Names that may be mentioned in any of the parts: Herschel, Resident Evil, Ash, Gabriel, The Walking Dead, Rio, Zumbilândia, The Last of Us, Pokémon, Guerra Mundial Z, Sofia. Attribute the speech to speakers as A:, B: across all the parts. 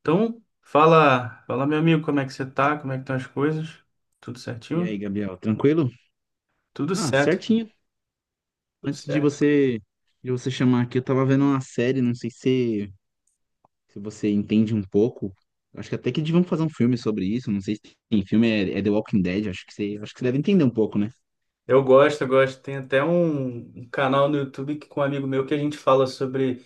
A: Então, fala meu amigo, como é que você tá? Como é que estão as coisas? Tudo
B: E
A: certinho?
B: aí, Gabriel, tranquilo?
A: Tudo
B: Ah,
A: certo,
B: certinho.
A: tudo
B: Antes de
A: certo.
B: você chamar aqui, eu tava vendo uma série, não sei se você entende um pouco. Acho que até que deviam fazer um filme sobre isso, não sei se tem filme, é The Walking Dead, acho que você deve entender um pouco, né?
A: Eu gosto. Tem até um canal no YouTube que, com um amigo meu que a gente fala sobre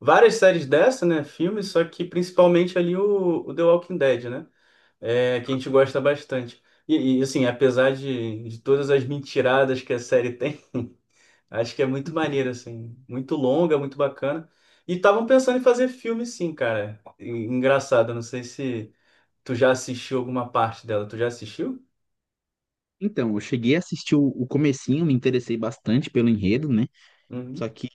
A: várias séries dessa, né? Filmes, só que principalmente ali o The Walking Dead, né? É, que a gente gosta bastante. E, assim, apesar de todas as mentiradas que a série tem, acho que é muito maneiro, assim. Muito longa, muito bacana. E estavam pensando em fazer filme, sim, cara. Engraçado, eu não sei se tu já assistiu alguma parte dela. Tu já assistiu?
B: Então, eu cheguei a assistir o comecinho, me interessei bastante pelo enredo, né? Só
A: Uhum.
B: que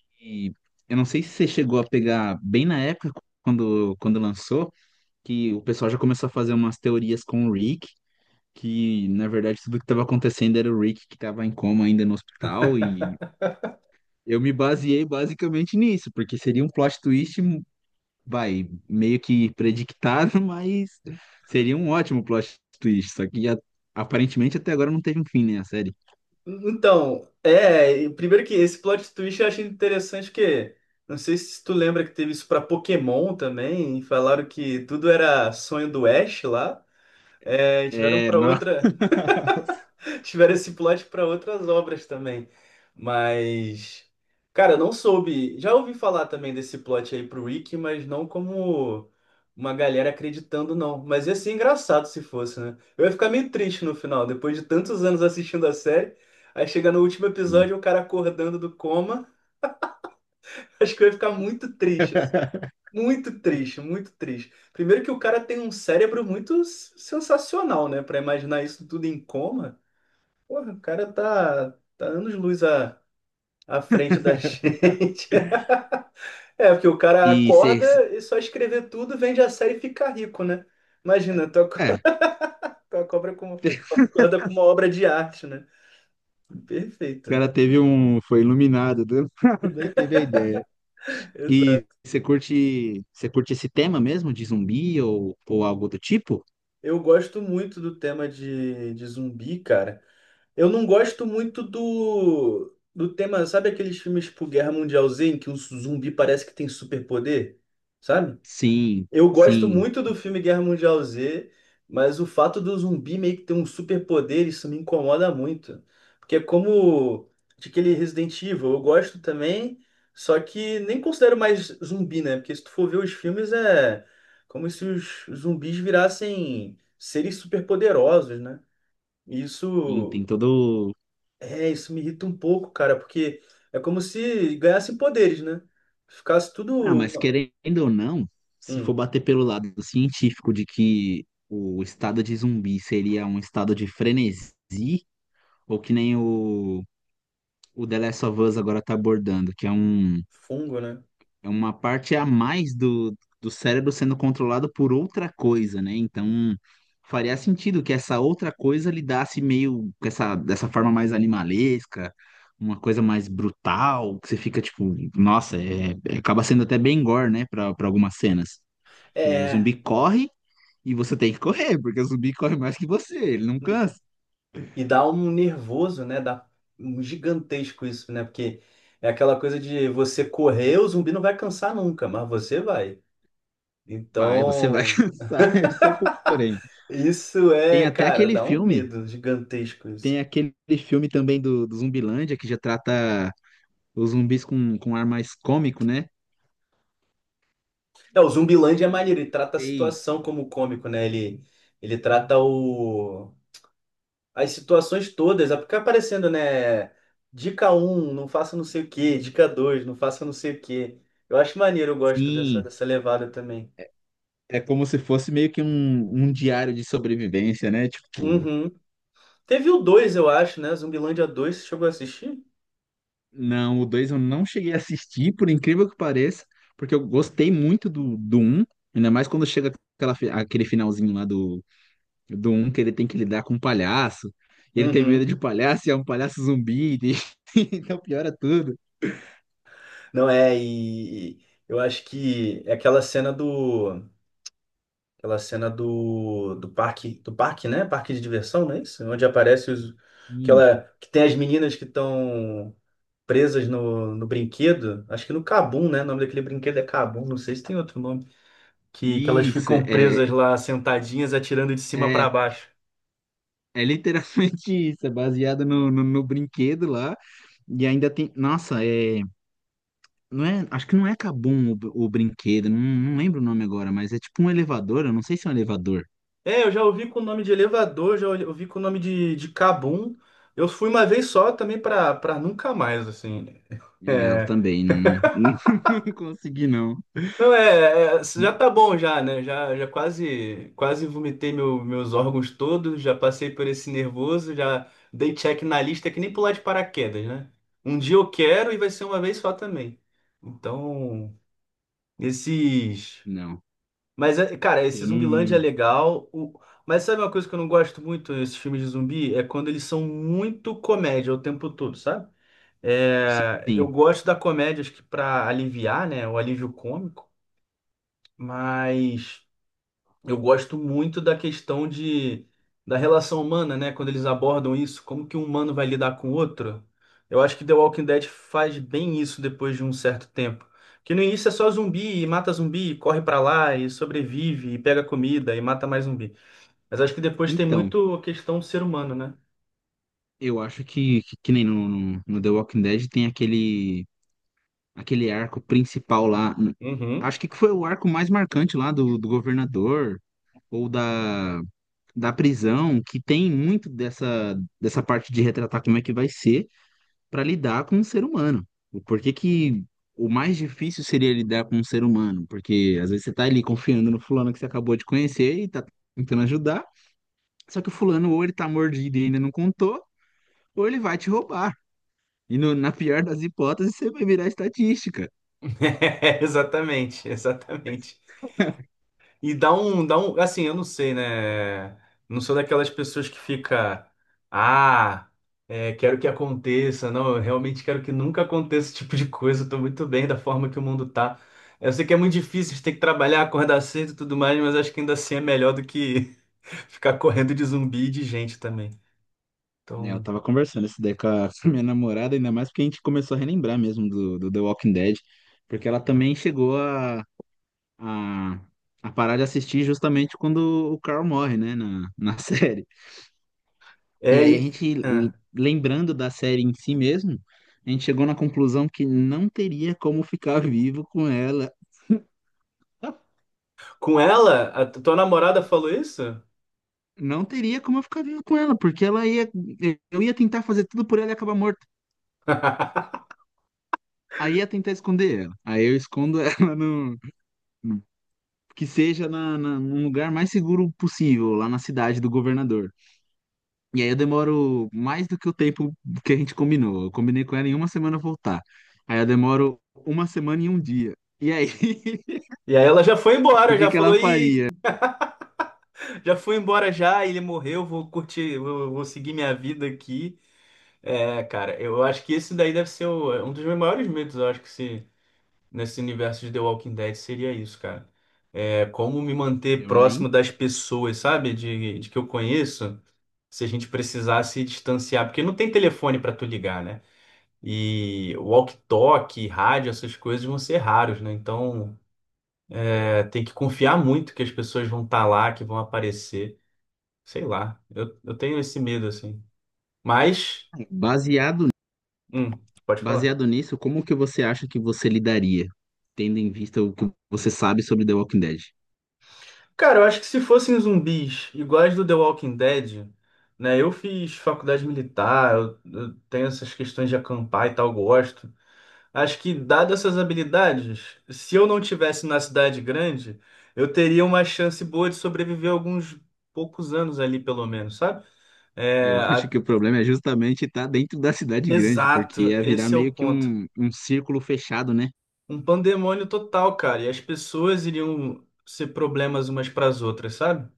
B: eu não sei se você chegou a pegar bem na época, quando lançou, que o pessoal já começou a fazer umas teorias com o Rick, que na verdade tudo que estava acontecendo era o Rick que estava em coma ainda no hospital e eu me baseei basicamente nisso, porque seria um plot twist, vai, meio que predictado, mas seria um ótimo plot twist, só que aparentemente até agora não teve um fim, né, a série.
A: Então, é. Primeiro que esse plot twist eu achei interessante, porque não sei se tu lembra que teve isso pra Pokémon também. E falaram que tudo era sonho do Ash lá. É, e tiveram
B: É,
A: pra
B: nossa.
A: outra. Tiveram esse plot para outras obras também. Mas, cara, eu não soube. Já ouvi falar também desse plot aí pro Wiki, mas não como uma galera acreditando, não. Mas ia ser engraçado se fosse, né? Eu ia ficar meio triste no final, depois de tantos anos assistindo a série. Aí chega no último
B: E
A: episódio, o cara acordando do coma. Acho que eu ia ficar muito triste, assim. Muito triste, muito triste. Primeiro que o cara tem um cérebro sensacional, né? Pra imaginar isso tudo em coma. Porra, tá anos-luz à frente da gente. É, porque o cara
B: se,
A: acorda
B: se-
A: e só escrever tudo, vende a série e fica rico, né? Imagina, tu acorda,
B: é,
A: tu acorda com, acorda com uma obra de arte, né?
B: o
A: Perfeito.
B: cara teve um, foi iluminado do nada e teve a ideia. E
A: Exato.
B: você curte esse tema mesmo de zumbi ou algo do tipo?
A: Eu gosto muito do tema de zumbi, cara. Eu não gosto muito do tema, sabe aqueles filmes tipo Guerra Mundial Z, em que um zumbi parece que tem superpoder? Sabe?
B: Sim,
A: Eu gosto
B: sim,
A: muito do filme Guerra Mundial Z, mas o fato do zumbi meio que ter um superpoder, isso me incomoda muito. Porque é como de aquele Resident Evil, eu gosto também, só que nem considero mais zumbi, né? Porque se tu for ver os filmes, é como se os zumbis virassem seres superpoderosos, né? E
B: sim, tem
A: Isso,
B: todo.
A: isso me irrita um pouco, cara, porque é como se ganhassem poderes, né? Ficasse tudo
B: Ah, mas
A: uma-
B: querendo ou não, se for
A: um
B: bater pelo lado científico de que o estado de zumbi seria um estado de frenesi, ou que nem o The Last of Us agora tá abordando, que é um.
A: fungo, né?
B: É uma parte a mais do cérebro sendo controlado por outra coisa, né? Então, faria sentido que essa outra coisa lidasse meio com essa, dessa forma mais animalesca, uma coisa mais brutal, que você fica tipo, nossa, acaba sendo até bem gore, né, para algumas cenas. Que o
A: É.
B: zumbi corre e você tem que correr, porque o zumbi corre mais que você, ele não cansa.
A: E dá um nervoso, né? Dá um gigantesco isso, né? Porque é aquela coisa de você correr, o zumbi não vai cansar nunca, mas você vai.
B: Vai, você vai
A: Então,
B: cansar, esse é o porém.
A: isso
B: Tem
A: é,
B: até
A: cara,
B: aquele
A: dá um
B: filme,
A: medo gigantesco
B: tem
A: isso.
B: aquele filme também do Zumbilândia que já trata os zumbis com ar mais cômico, né?
A: É, o Zumbilândia é maneiro, ele trata a
B: Ei,
A: situação como cômico, né? Ele trata as situações todas, é porque fica aparecendo, né? Dica um, não faça não sei o quê. Dica 2, não faça não sei o quê. Eu acho maneiro, eu gosto dessa,
B: sim.
A: dessa levada também.
B: É como se fosse meio que um diário de sobrevivência, né? Tipo,
A: Uhum. Teve o 2, eu acho, né? Zumbilândia 2, você chegou a assistir?
B: não, o dois eu não cheguei a assistir, por incrível que pareça, porque eu gostei muito do um ainda mais quando chega aquele finalzinho lá do um que ele tem que lidar com um palhaço, e ele tem medo
A: Uhum.
B: de palhaço, e é um palhaço zumbi, então piora tudo.
A: Não é, e eu acho que é aquela cena do. Aquela cena do, do parque, né? Parque de diversão, não é isso? Onde aparece os,
B: Hum.
A: aquela, que tem as meninas que estão presas no brinquedo. Acho que no Cabum, né? O nome daquele brinquedo é Cabum, não sei se tem outro nome. Que elas
B: Isso,
A: ficam
B: é, é,
A: presas lá, sentadinhas, atirando de cima para
B: é.
A: baixo.
B: É literalmente isso, é baseada no brinquedo lá. E ainda tem. Nossa, é. Não é, acho que não é Kabum o brinquedo, não, não lembro o nome agora, mas é tipo um elevador, eu não sei se é um elevador.
A: É, eu já ouvi com o nome de elevador, já ouvi com o nome de cabum. Eu fui uma vez só também pra nunca mais, assim.
B: É, eu
A: É,
B: também não, não consegui, não.
A: não é, é, já tá bom já, né? Já quase quase meus órgãos todos, já passei por esse nervoso, já dei check na lista que nem pular de paraquedas, né? Um dia eu quero e vai ser uma vez só também. Então, esses…
B: Não,
A: Mas, cara, esse
B: eu
A: Zumbilândia é
B: não.
A: legal. O… Mas sabe uma coisa que eu não gosto muito nesses filmes de zumbi? É quando eles são muito comédia o tempo todo, sabe? É, eu
B: Sim.
A: gosto da comédia, acho que pra aliviar, né? O alívio cômico. Mas. Eu gosto muito da questão de, da relação humana, né? Quando eles abordam isso, como que um humano vai lidar com o outro. Eu acho que The Walking Dead faz bem isso depois de um certo tempo. Que no início é só zumbi, e mata zumbi, e corre pra lá, e sobrevive, e pega comida, e mata mais zumbi. Mas acho que depois tem
B: Então,
A: muito a questão do ser humano, né?
B: eu acho que nem no The Walking Dead tem aquele, aquele arco principal lá.
A: Uhum.
B: Acho que foi o arco mais marcante lá do governador, ou da prisão, que tem muito dessa, dessa parte de retratar como é que vai ser para lidar com um ser humano. O porquê que o mais difícil seria lidar com um ser humano? Porque às vezes você tá ali confiando no fulano que você acabou de conhecer e tá tentando ajudar, só que o fulano ou ele tá mordido e ainda não contou, ou ele vai te roubar. E na pior das hipóteses, você vai virar estatística.
A: Exatamente, exatamente. E dá um, assim, eu não sei, né? Não sou daquelas pessoas que fica, ah, é, quero que aconteça. Não, eu realmente quero que nunca aconteça esse tipo de coisa. Eu tô muito bem da forma que o mundo tá. Eu sei que é muito difícil, a gente tem que trabalhar, acordar cedo e tudo mais, mas acho que ainda assim é melhor do que ficar correndo de zumbi e de gente também.
B: É, eu
A: Então,
B: tava conversando isso daí com a com a minha namorada, ainda mais porque a gente começou a relembrar mesmo do The Walking Dead, porque ela também chegou a, a parar de assistir justamente quando o Carl morre, né, na série. E
A: é,
B: aí a
A: e,
B: gente,
A: ah.
B: lembrando da série em si mesmo, a gente chegou na conclusão que não teria como ficar vivo com ela.
A: Com ela, a tua namorada falou isso?
B: Não teria como eu ficar vivo com ela, porque ela ia. Eu ia tentar fazer tudo por ela e acabar morto. Aí ia tentar esconder ela. Aí eu escondo ela no. Que seja num lugar mais seguro possível, lá na cidade do governador. E aí eu demoro mais do que o tempo que a gente combinou. Eu combinei com ela em uma semana voltar. Aí eu demoro uma semana e um dia. E aí,
A: E aí ela já foi
B: o
A: embora,
B: que
A: já
B: que
A: falou,
B: ela
A: e
B: faria?
A: já fui embora já, ele morreu, vou curtir, vou seguir minha vida aqui. É, cara, eu acho que esse daí deve ser é um dos meus maiores medos, eu acho que se, nesse universo de The Walking Dead seria isso, cara. É como me manter
B: Eu
A: próximo
B: nem.
A: das pessoas, sabe? De que eu conheço, se a gente precisar se distanciar, porque não tem telefone pra tu ligar, né? E walkie-talkie, rádio, essas coisas vão ser raros, né? Então, é, tem que confiar muito que as pessoas vão estar lá, que vão aparecer. Sei lá, eu tenho esse medo, assim. Mas,
B: Baseado,
A: hum, pode falar.
B: baseado nisso, como que você acha que você lidaria, tendo em vista o que você sabe sobre The Walking Dead?
A: Cara, eu acho que se fossem zumbis iguais do The Walking Dead, né? Eu fiz faculdade militar, eu tenho essas questões de acampar e tal, gosto. Acho que, dadas essas habilidades, se eu não tivesse na cidade grande, eu teria uma chance boa de sobreviver alguns poucos anos ali, pelo menos, sabe? É,
B: Eu acho
A: a-
B: que o problema é justamente estar dentro da cidade grande, porque
A: Exato,
B: ia virar
A: esse é o
B: meio que
A: ponto.
B: um círculo fechado, né?
A: Um pandemônio total, cara, e as pessoas iriam ser problemas umas para as outras, sabe?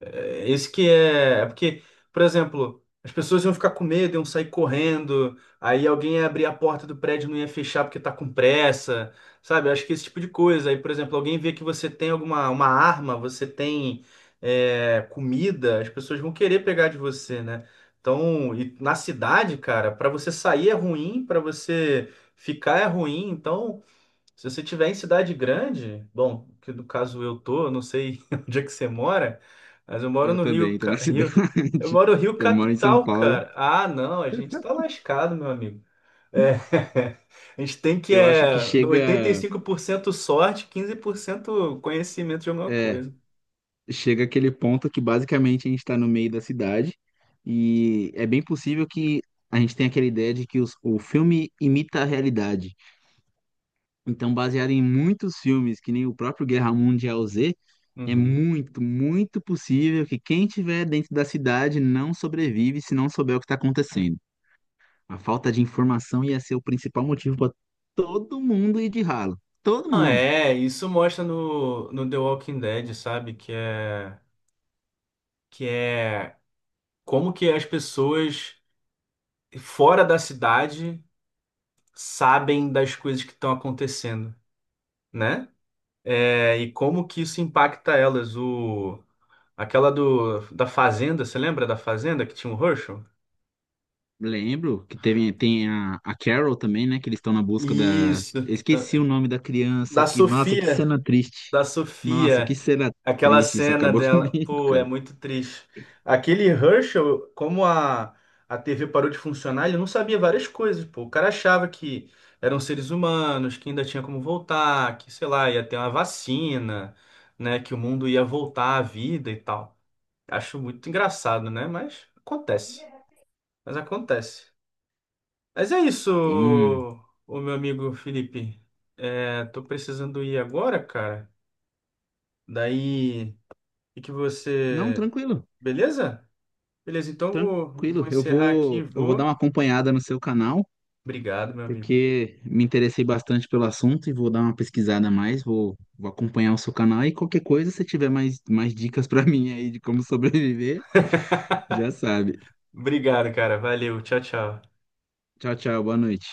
A: É, Esse que é, é porque, por exemplo, as pessoas iam ficar com medo, iam sair correndo, aí alguém ia abrir a porta do prédio e não ia fechar porque tá com pressa, sabe? Eu acho que esse tipo de coisa. Aí, por exemplo, alguém vê que você tem alguma uma arma, você tem é, comida, as pessoas vão querer pegar de você, né? Então, e na cidade, cara, pra você sair é ruim, pra você ficar é ruim, então se você tiver em cidade grande, bom, que no caso eu tô, eu não sei onde é que você mora, mas eu moro
B: Eu
A: no
B: também
A: Rio,
B: estou na
A: Ca- Rio, eu
B: cidade.
A: moro no Rio
B: Eu moro em São
A: Capital,
B: Paulo.
A: cara. Ah, não, a gente tá lascado, meu amigo. É, a gente tem que
B: Eu acho que
A: é no
B: chega.
A: 85% sorte, 15% conhecimento de alguma
B: É
A: coisa.
B: chega aquele ponto que basicamente a gente está no meio da cidade e é bem possível que a gente tenha aquela ideia de que o filme imita a realidade. Então, baseado em muitos filmes, que nem o próprio Guerra Mundial Z, é
A: Uhum.
B: muito, muito possível que quem estiver dentro da cidade não sobrevive se não souber o que está acontecendo. A falta de informação ia ser o principal motivo para todo mundo ir de ralo. Todo
A: Ah,
B: mundo.
A: é, isso mostra no The Walking Dead, sabe? Que é como que as pessoas fora da cidade sabem das coisas que estão acontecendo, né? É, e como que isso impacta elas. O, aquela do, da Fazenda, você lembra da Fazenda que tinha o Herschel?
B: Lembro que teve, tem a Carol também, né? Que eles estão na busca da.
A: Isso,
B: Eu
A: que
B: esqueci
A: tá-
B: o nome da criança
A: da
B: que. Nossa, que
A: Sofia
B: cena triste.
A: da
B: Nossa, que
A: Sofia,
B: cena
A: aquela
B: triste. Isso
A: cena
B: acabou
A: dela,
B: comigo,
A: pô, é
B: cara.
A: muito triste. Aquele Herschel, como a TV parou de funcionar, ele não sabia várias coisas, pô. O cara achava que eram seres humanos, que ainda tinha como voltar, que, sei lá, ia ter uma vacina, né, que o mundo ia voltar à vida e tal. Acho muito engraçado, né? Mas acontece. Mas acontece. Mas é isso,
B: Eu não.
A: o meu amigo Felipe. É, tô precisando ir agora, cara. Daí e que
B: Não,
A: você.
B: tranquilo.
A: Beleza? Beleza, então vou, vou
B: Tranquilo.
A: encerrar aqui,
B: Eu vou dar
A: vou.
B: uma acompanhada no seu canal,
A: Obrigado, meu amigo.
B: porque me interessei bastante pelo assunto e vou dar uma pesquisada a mais. Vou acompanhar o seu canal e qualquer coisa, se tiver mais, mais dicas pra mim aí de como sobreviver, já sabe.
A: Obrigado, cara. Valeu. Tchau, tchau.
B: Tchau, tchau. Boa noite.